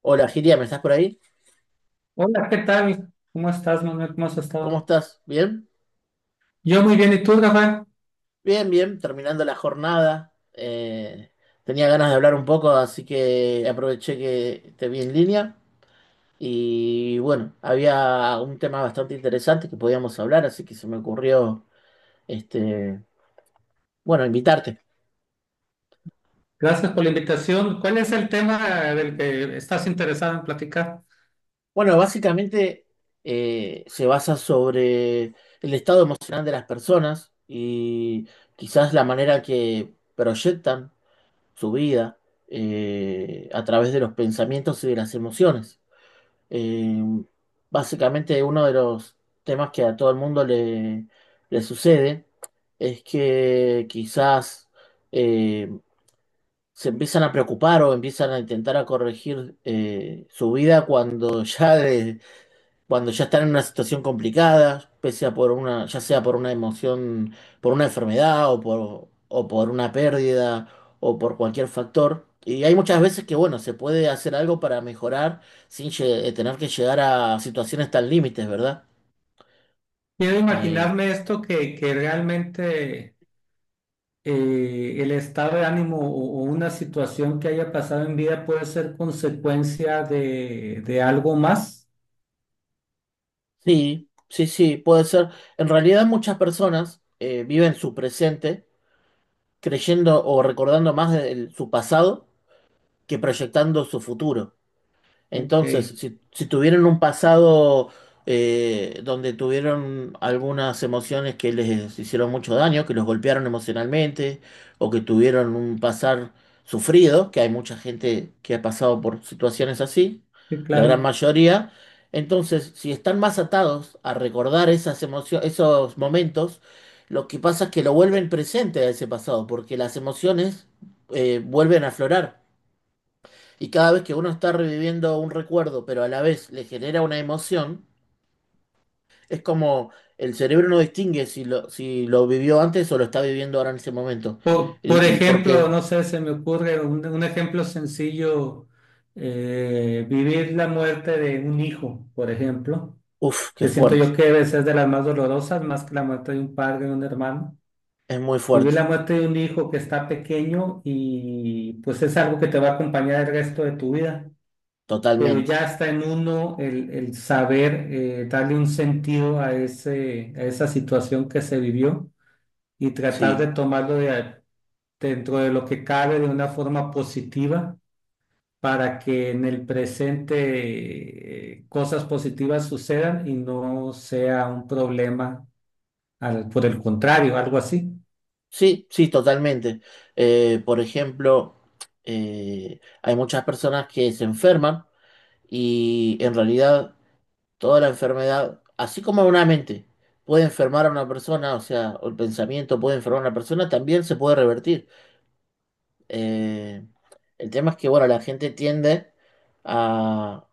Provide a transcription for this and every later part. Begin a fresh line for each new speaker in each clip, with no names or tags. Hola, Giria, ¿me estás por ahí?
Hola, ¿qué tal? ¿Cómo estás, Manuel? ¿Cómo has
¿Cómo
estado?
estás? ¿Bien?
Yo muy bien, ¿y tú, Rafael?
Bien, bien, terminando la jornada. Tenía ganas de hablar un poco, así que aproveché que te vi en línea. Y bueno, había un tema bastante interesante que podíamos hablar, así que se me ocurrió, este, bueno, invitarte.
Gracias por la invitación. ¿Cuál es el tema del que estás interesado en platicar?
Bueno, básicamente se basa sobre el estado emocional de las personas y quizás la manera que proyectan su vida, a través de los pensamientos y de las emociones. Eh, Básicamente uno de los temas que a todo el mundo le sucede es que quizás eh, se empiezan a preocupar o empiezan a intentar a corregir, su vida cuando cuando ya están en una situación complicada, pese a por una, ya sea por una emoción, por una enfermedad o por una pérdida o por cualquier factor. Y hay muchas veces que, bueno, se puede hacer algo para mejorar sin lle- tener que llegar a situaciones tan límites, ¿verdad?
Quiero
Eh,
imaginarme esto que realmente el estado de ánimo o una situación que haya pasado en vida puede ser consecuencia de algo más.
sí, sí, sí, puede ser. En realidad muchas personas viven su presente creyendo o recordando más de su pasado que proyectando su futuro.
Ok,
Entonces,
sí,
si tuvieron un pasado donde tuvieron algunas emociones que les hicieron mucho daño, que los golpearon emocionalmente, o que tuvieron un pasar sufrido, que hay mucha gente que ha pasado por situaciones así, la gran
claro.
mayoría. Entonces, si están más atados a recordar esas emociones, esos momentos, lo que pasa es que lo vuelven presente a ese pasado, porque las emociones vuelven a aflorar. Y cada vez que uno está reviviendo un recuerdo, pero a la vez le genera una emoción, es como el cerebro no distingue si lo vivió antes o lo está viviendo ahora en ese momento.
Por
Porque,
ejemplo, no sé, se me ocurre un ejemplo sencillo, vivir la muerte de un hijo, por ejemplo,
uff, qué
que siento
fuerte,
yo que a veces es de las más dolorosas, más que la muerte de un padre o un hermano.
es muy
Vivir
fuerte,
la muerte de un hijo que está pequeño y pues es algo que te va a acompañar el resto de tu vida, pero
totalmente.
ya está en uno el saber darle un sentido a a esa situación que se vivió y tratar de
Sí,
tomarlo de, dentro de lo que cabe de una forma positiva para que en el presente cosas positivas sucedan y no sea un problema, al- por el contrario, algo así.
sí, sí, totalmente. Por ejemplo, hay muchas personas que se enferman y en realidad toda la enfermedad, así como una mente puede enfermar a una persona, o sea, o el pensamiento puede enfermar a una persona, también se puede revertir. Eh, el tema es que, bueno, la gente tiende a,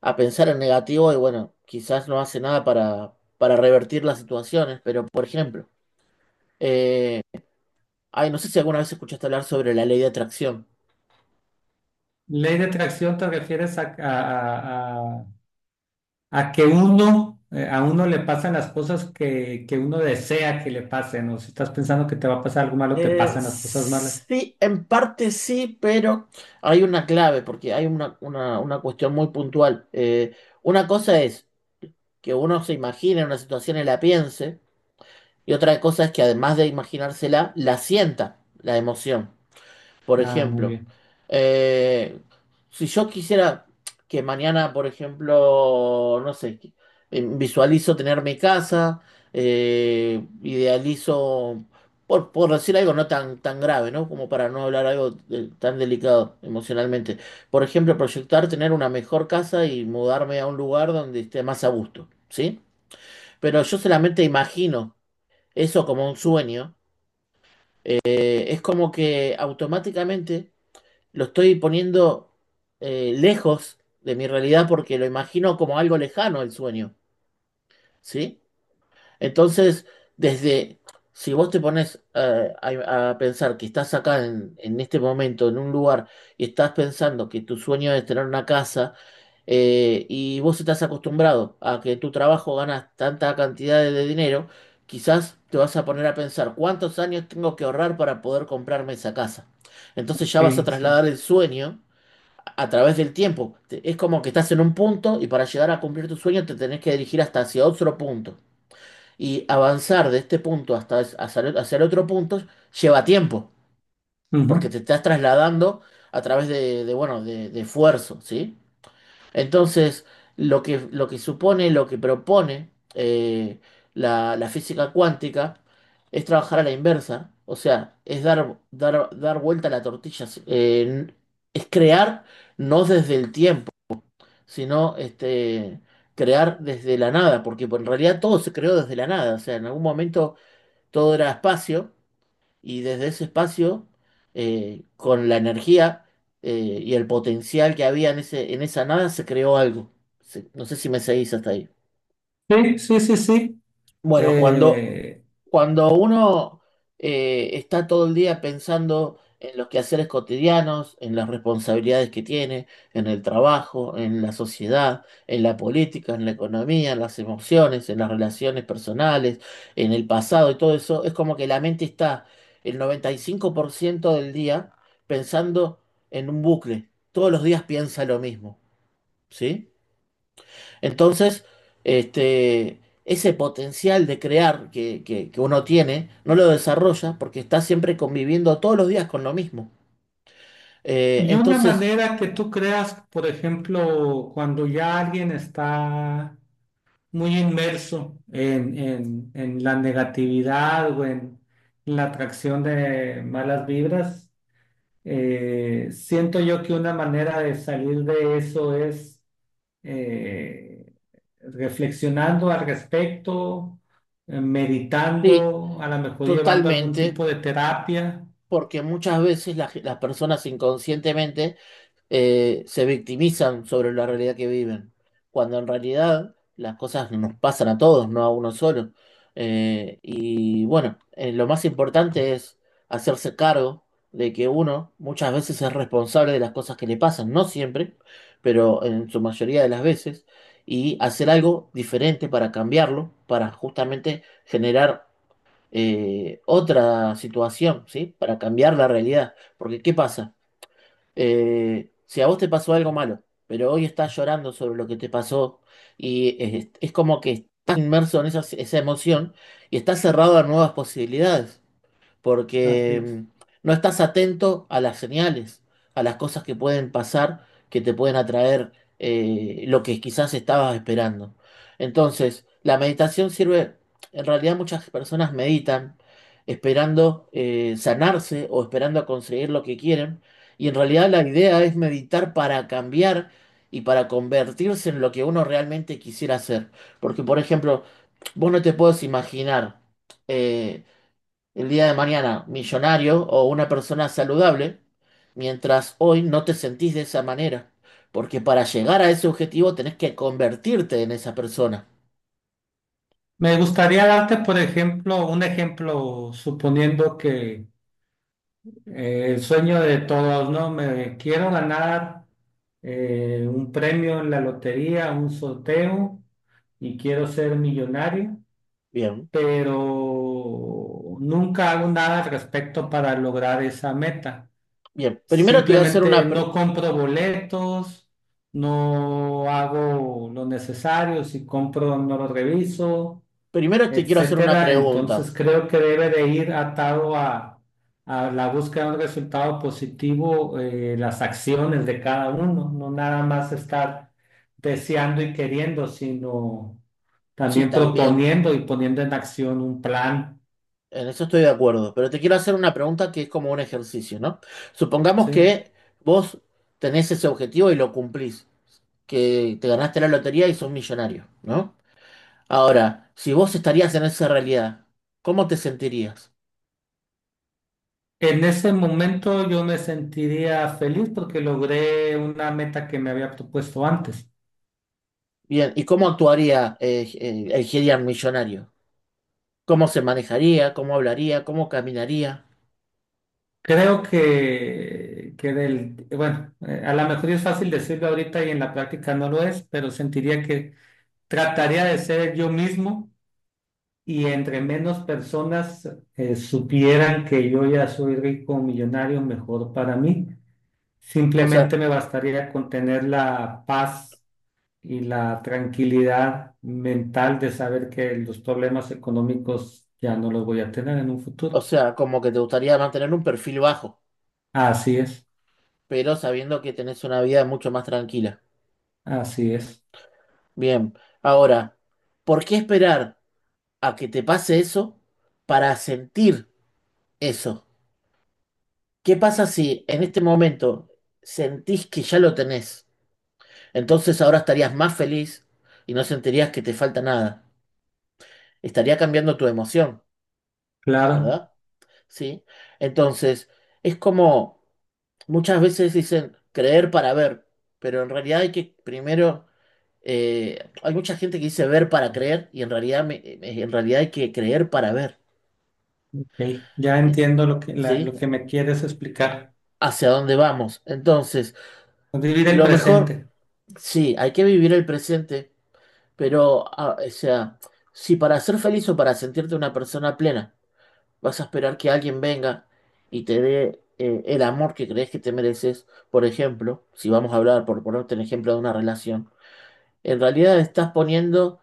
a pensar en negativo y, bueno, quizás no hace nada para, para revertir las situaciones, pero, por ejemplo, eh, ay, no sé si alguna vez escuchaste hablar sobre la ley de atracción.
Ley de atracción te refieres a, que uno, a uno le pasan las cosas que uno desea que le pasen, o si estás pensando que te va a pasar algo malo, te pasan las cosas malas.
Sí, en parte sí, pero hay una clave, porque hay una cuestión muy puntual. Una cosa es que uno se imagine una situación y la piense, y otra cosa es que además de imaginársela, la sienta, la emoción. Por
Ah, muy
ejemplo,
bien.
eh, si yo quisiera que mañana, por ejemplo, no sé, visualizo tener mi casa, idealizo, por decir algo no tan, tan grave, ¿no? Como para no hablar algo tan delicado emocionalmente. Por ejemplo, proyectar tener una mejor casa y mudarme a un lugar donde esté más a gusto, ¿sí? Pero yo solamente imagino eso como un sueño. Es como que automáticamente lo estoy poniendo, lejos de mi realidad porque lo imagino como algo lejano el sueño, ¿sí? Entonces, desde, si vos te pones a pensar que estás acá en este momento, en un lugar, y estás pensando que tu sueño es tener una casa, y vos estás acostumbrado a que tu trabajo ganas tanta cantidad de dinero, quizás te vas a poner a pensar cuántos años tengo que ahorrar para poder comprarme esa casa. Entonces ya vas a
Okay, sí.
trasladar el sueño a través del tiempo. Es como que estás en un punto y para llegar a cumplir tu sueño te tenés que dirigir hasta hacia otro punto. Y avanzar de este punto hasta es- hacia el otro punto lleva tiempo, porque
Ujú.
te estás trasladando a través bueno, de esfuerzo, ¿sí? Entonces, lo que supone, lo que propone, la, la física cuántica es trabajar a la inversa, o sea, es dar vuelta a la tortilla, es crear no desde el tiempo, sino este, crear desde la nada, porque en realidad todo se creó desde la nada, o sea, en algún momento todo era espacio y desde ese espacio, con la energía, y el potencial que había en esa nada, se creó algo. No sé si me seguís hasta ahí.
Sí, sí, sí, sí.
Bueno, cuando,
Eh,
cuando uno está todo el día pensando en los quehaceres cotidianos, en las responsabilidades que tiene, en el trabajo, en la sociedad, en la política, en la economía, en las emociones, en las relaciones personales, en el pasado y todo eso, es como que la mente está el 95% del día pensando en un bucle. Todos los días piensa lo mismo, ¿sí? Entonces, este, ese potencial de crear que uno tiene, no lo desarrolla porque está siempre conviviendo todos los días con lo mismo.
Y una
Entonces,
manera que tú creas, por ejemplo, cuando ya alguien está muy inmerso en la negatividad o en la atracción de malas vibras, siento yo que una manera de salir de eso es eh, reflexionando al respecto,
sí,
meditando, a lo mejor llevando algún
totalmente,
tipo de terapia.
porque muchas veces las personas inconscientemente se victimizan sobre la realidad que viven, cuando en realidad las cosas nos pasan a todos, no a uno solo. Y bueno, lo más importante es hacerse cargo de que uno muchas veces es responsable de las cosas que le pasan, no siempre, pero en su mayoría de las veces, y hacer algo diferente para cambiarlo, para justamente generar, otra situación, ¿sí? Para cambiar la realidad. Porque, ¿qué pasa? Si a vos te pasó algo malo, pero hoy estás llorando sobre lo que te pasó y es como que estás inmerso en esa emoción y estás cerrado a nuevas posibilidades
Así
porque
es.
no estás atento a las señales, a las cosas que pueden pasar, que te pueden atraer, lo que quizás estabas esperando. Entonces, la meditación sirve, en realidad muchas personas meditan esperando, sanarse o esperando a conseguir lo que quieren, y en realidad la idea es meditar para cambiar y para convertirse en lo que uno realmente quisiera hacer. Porque, por ejemplo, vos no te puedes imaginar. eh, el día de mañana millonario o una persona saludable, mientras hoy no te sentís de esa manera, porque para llegar a ese objetivo tenés que convertirte en esa persona.
Me gustaría darte, por ejemplo, un ejemplo, suponiendo que el sueño de todos, ¿no? Me quiero ganar un premio en la lotería, un sorteo, y quiero ser millonario,
Bien,
pero nunca hago nada al respecto para lograr esa meta.
bien. Primero te voy a hacer
Simplemente no compro boletos, no hago lo necesario, si compro no lo reviso,
primero te quiero hacer una
etcétera. Entonces
pregunta.
creo que debe de ir atado a la búsqueda de un resultado positivo, las acciones de cada uno, no nada más estar deseando y queriendo, sino
Sí,
también
también.
proponiendo y poniendo en acción un plan,
En eso estoy de acuerdo, pero te quiero hacer una pregunta que es como un ejercicio, ¿no? Supongamos
¿sí?
que vos tenés ese objetivo y lo cumplís, que te ganaste la lotería y sos millonario, ¿no? Ahora, si vos estarías en esa realidad, ¿cómo te sentirías?
En ese momento yo me sentiría feliz porque logré una meta que me había propuesto antes.
Bien, ¿y cómo actuaría el Gideon millonario? ¿Cómo se manejaría? ¿Cómo hablaría? ¿Cómo caminaría?
Creo que del, bueno, a lo mejor es fácil decirlo ahorita y en la práctica no lo es, pero sentiría que trataría de ser yo mismo y entre menos personas supieran que yo ya soy rico o millonario, mejor para mí.
O sea,
Simplemente me bastaría con tener la paz y la tranquilidad mental de saber que los problemas económicos ya no los voy a tener en un
o
futuro.
sea, como que te gustaría mantener un perfil bajo,
Así es,
pero sabiendo que tenés una vida mucho más tranquila.
así es,
Bien, ahora, ¿por qué esperar a que te pase eso para sentir eso? ¿Qué pasa si en este momento sentís que ya lo tenés? Entonces ahora estarías más feliz y no sentirías que te falta nada. Estaría cambiando tu emoción,
claro.
¿verdad? Sí. Entonces, es como muchas veces dicen creer para ver, pero en realidad hay que primero, hay mucha gente que dice ver para creer y en realidad, en realidad hay que creer para ver,
Ok, ya
eh,
entiendo lo que,
¿sí?
lo que me quieres explicar.
Hacia dónde vamos. Entonces,
Vivir el
lo mejor,
presente.
sí, hay que vivir el presente, pero, ah, o sea, si para ser feliz o para sentirte una persona plena, vas a esperar que alguien venga y te dé, el amor que crees que te mereces. Por ejemplo, si vamos a hablar, por ponerte el ejemplo de una relación, en realidad estás poniendo,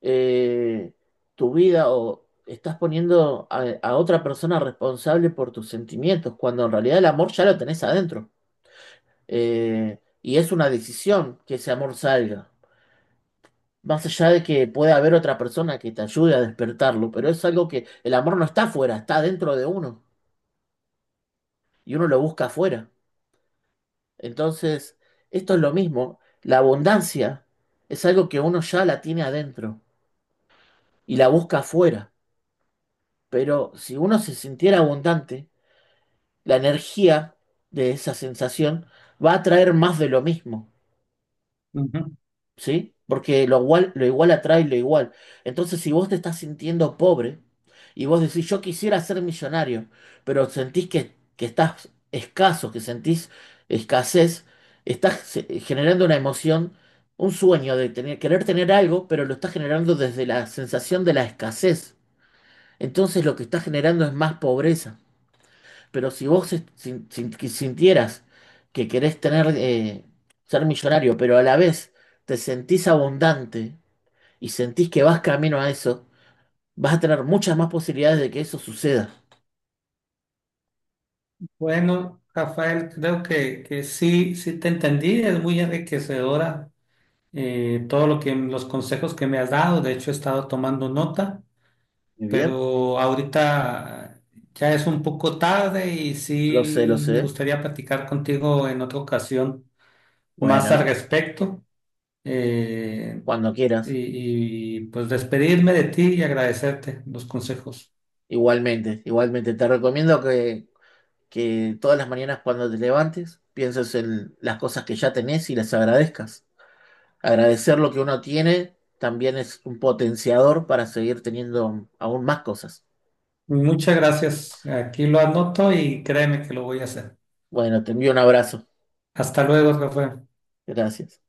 eh, tu vida o estás poniendo a otra persona responsable por tus sentimientos, cuando en realidad el amor ya lo tenés adentro. Y es una decisión que ese amor salga. Más allá de que pueda haber otra persona que te ayude a despertarlo, pero es algo que el amor no está afuera, está dentro de uno. Y uno lo busca afuera. Entonces, esto es lo mismo. La abundancia es algo que uno ya la tiene adentro y la busca afuera. Pero si uno se sintiera abundante, la energía de esa sensación va a traer más de lo mismo.
Ujú.
¿Sí? Porque lo igual atrae lo igual. Entonces, si vos te estás sintiendo pobre y vos decís, yo quisiera ser millonario, pero sentís que estás escaso, que sentís escasez, estás, generando una emoción, un sueño de tener, querer tener algo, pero lo estás generando desde la sensación de la escasez. Entonces, lo que estás generando es más pobreza. Pero si vos que sintieras que querés tener, ser millonario, pero a la vez te sentís abundante y sentís que vas camino a eso, vas a tener muchas más posibilidades de que eso suceda.
Bueno, Rafael, creo que sí, sí te entendí. Es muy enriquecedora todo lo que los consejos que me has dado. De hecho, he estado tomando nota,
Muy bien,
pero ahorita ya es un poco tarde y
lo sé, lo
sí me
sé.
gustaría platicar contigo en otra ocasión más al
Bueno,
respecto. eh,
cuando quieras.
y, y, pues despedirme de ti y agradecerte los consejos.
Igualmente, igualmente. Te recomiendo que todas las mañanas cuando te levantes pienses en las cosas que ya tenés y las agradezcas. Agradecer lo que uno tiene también es un potenciador para seguir teniendo aún más cosas.
Muchas gracias. Aquí lo anoto y créeme que lo voy a hacer.
Bueno, te envío un abrazo.
Hasta luego, Rafael.
Gracias.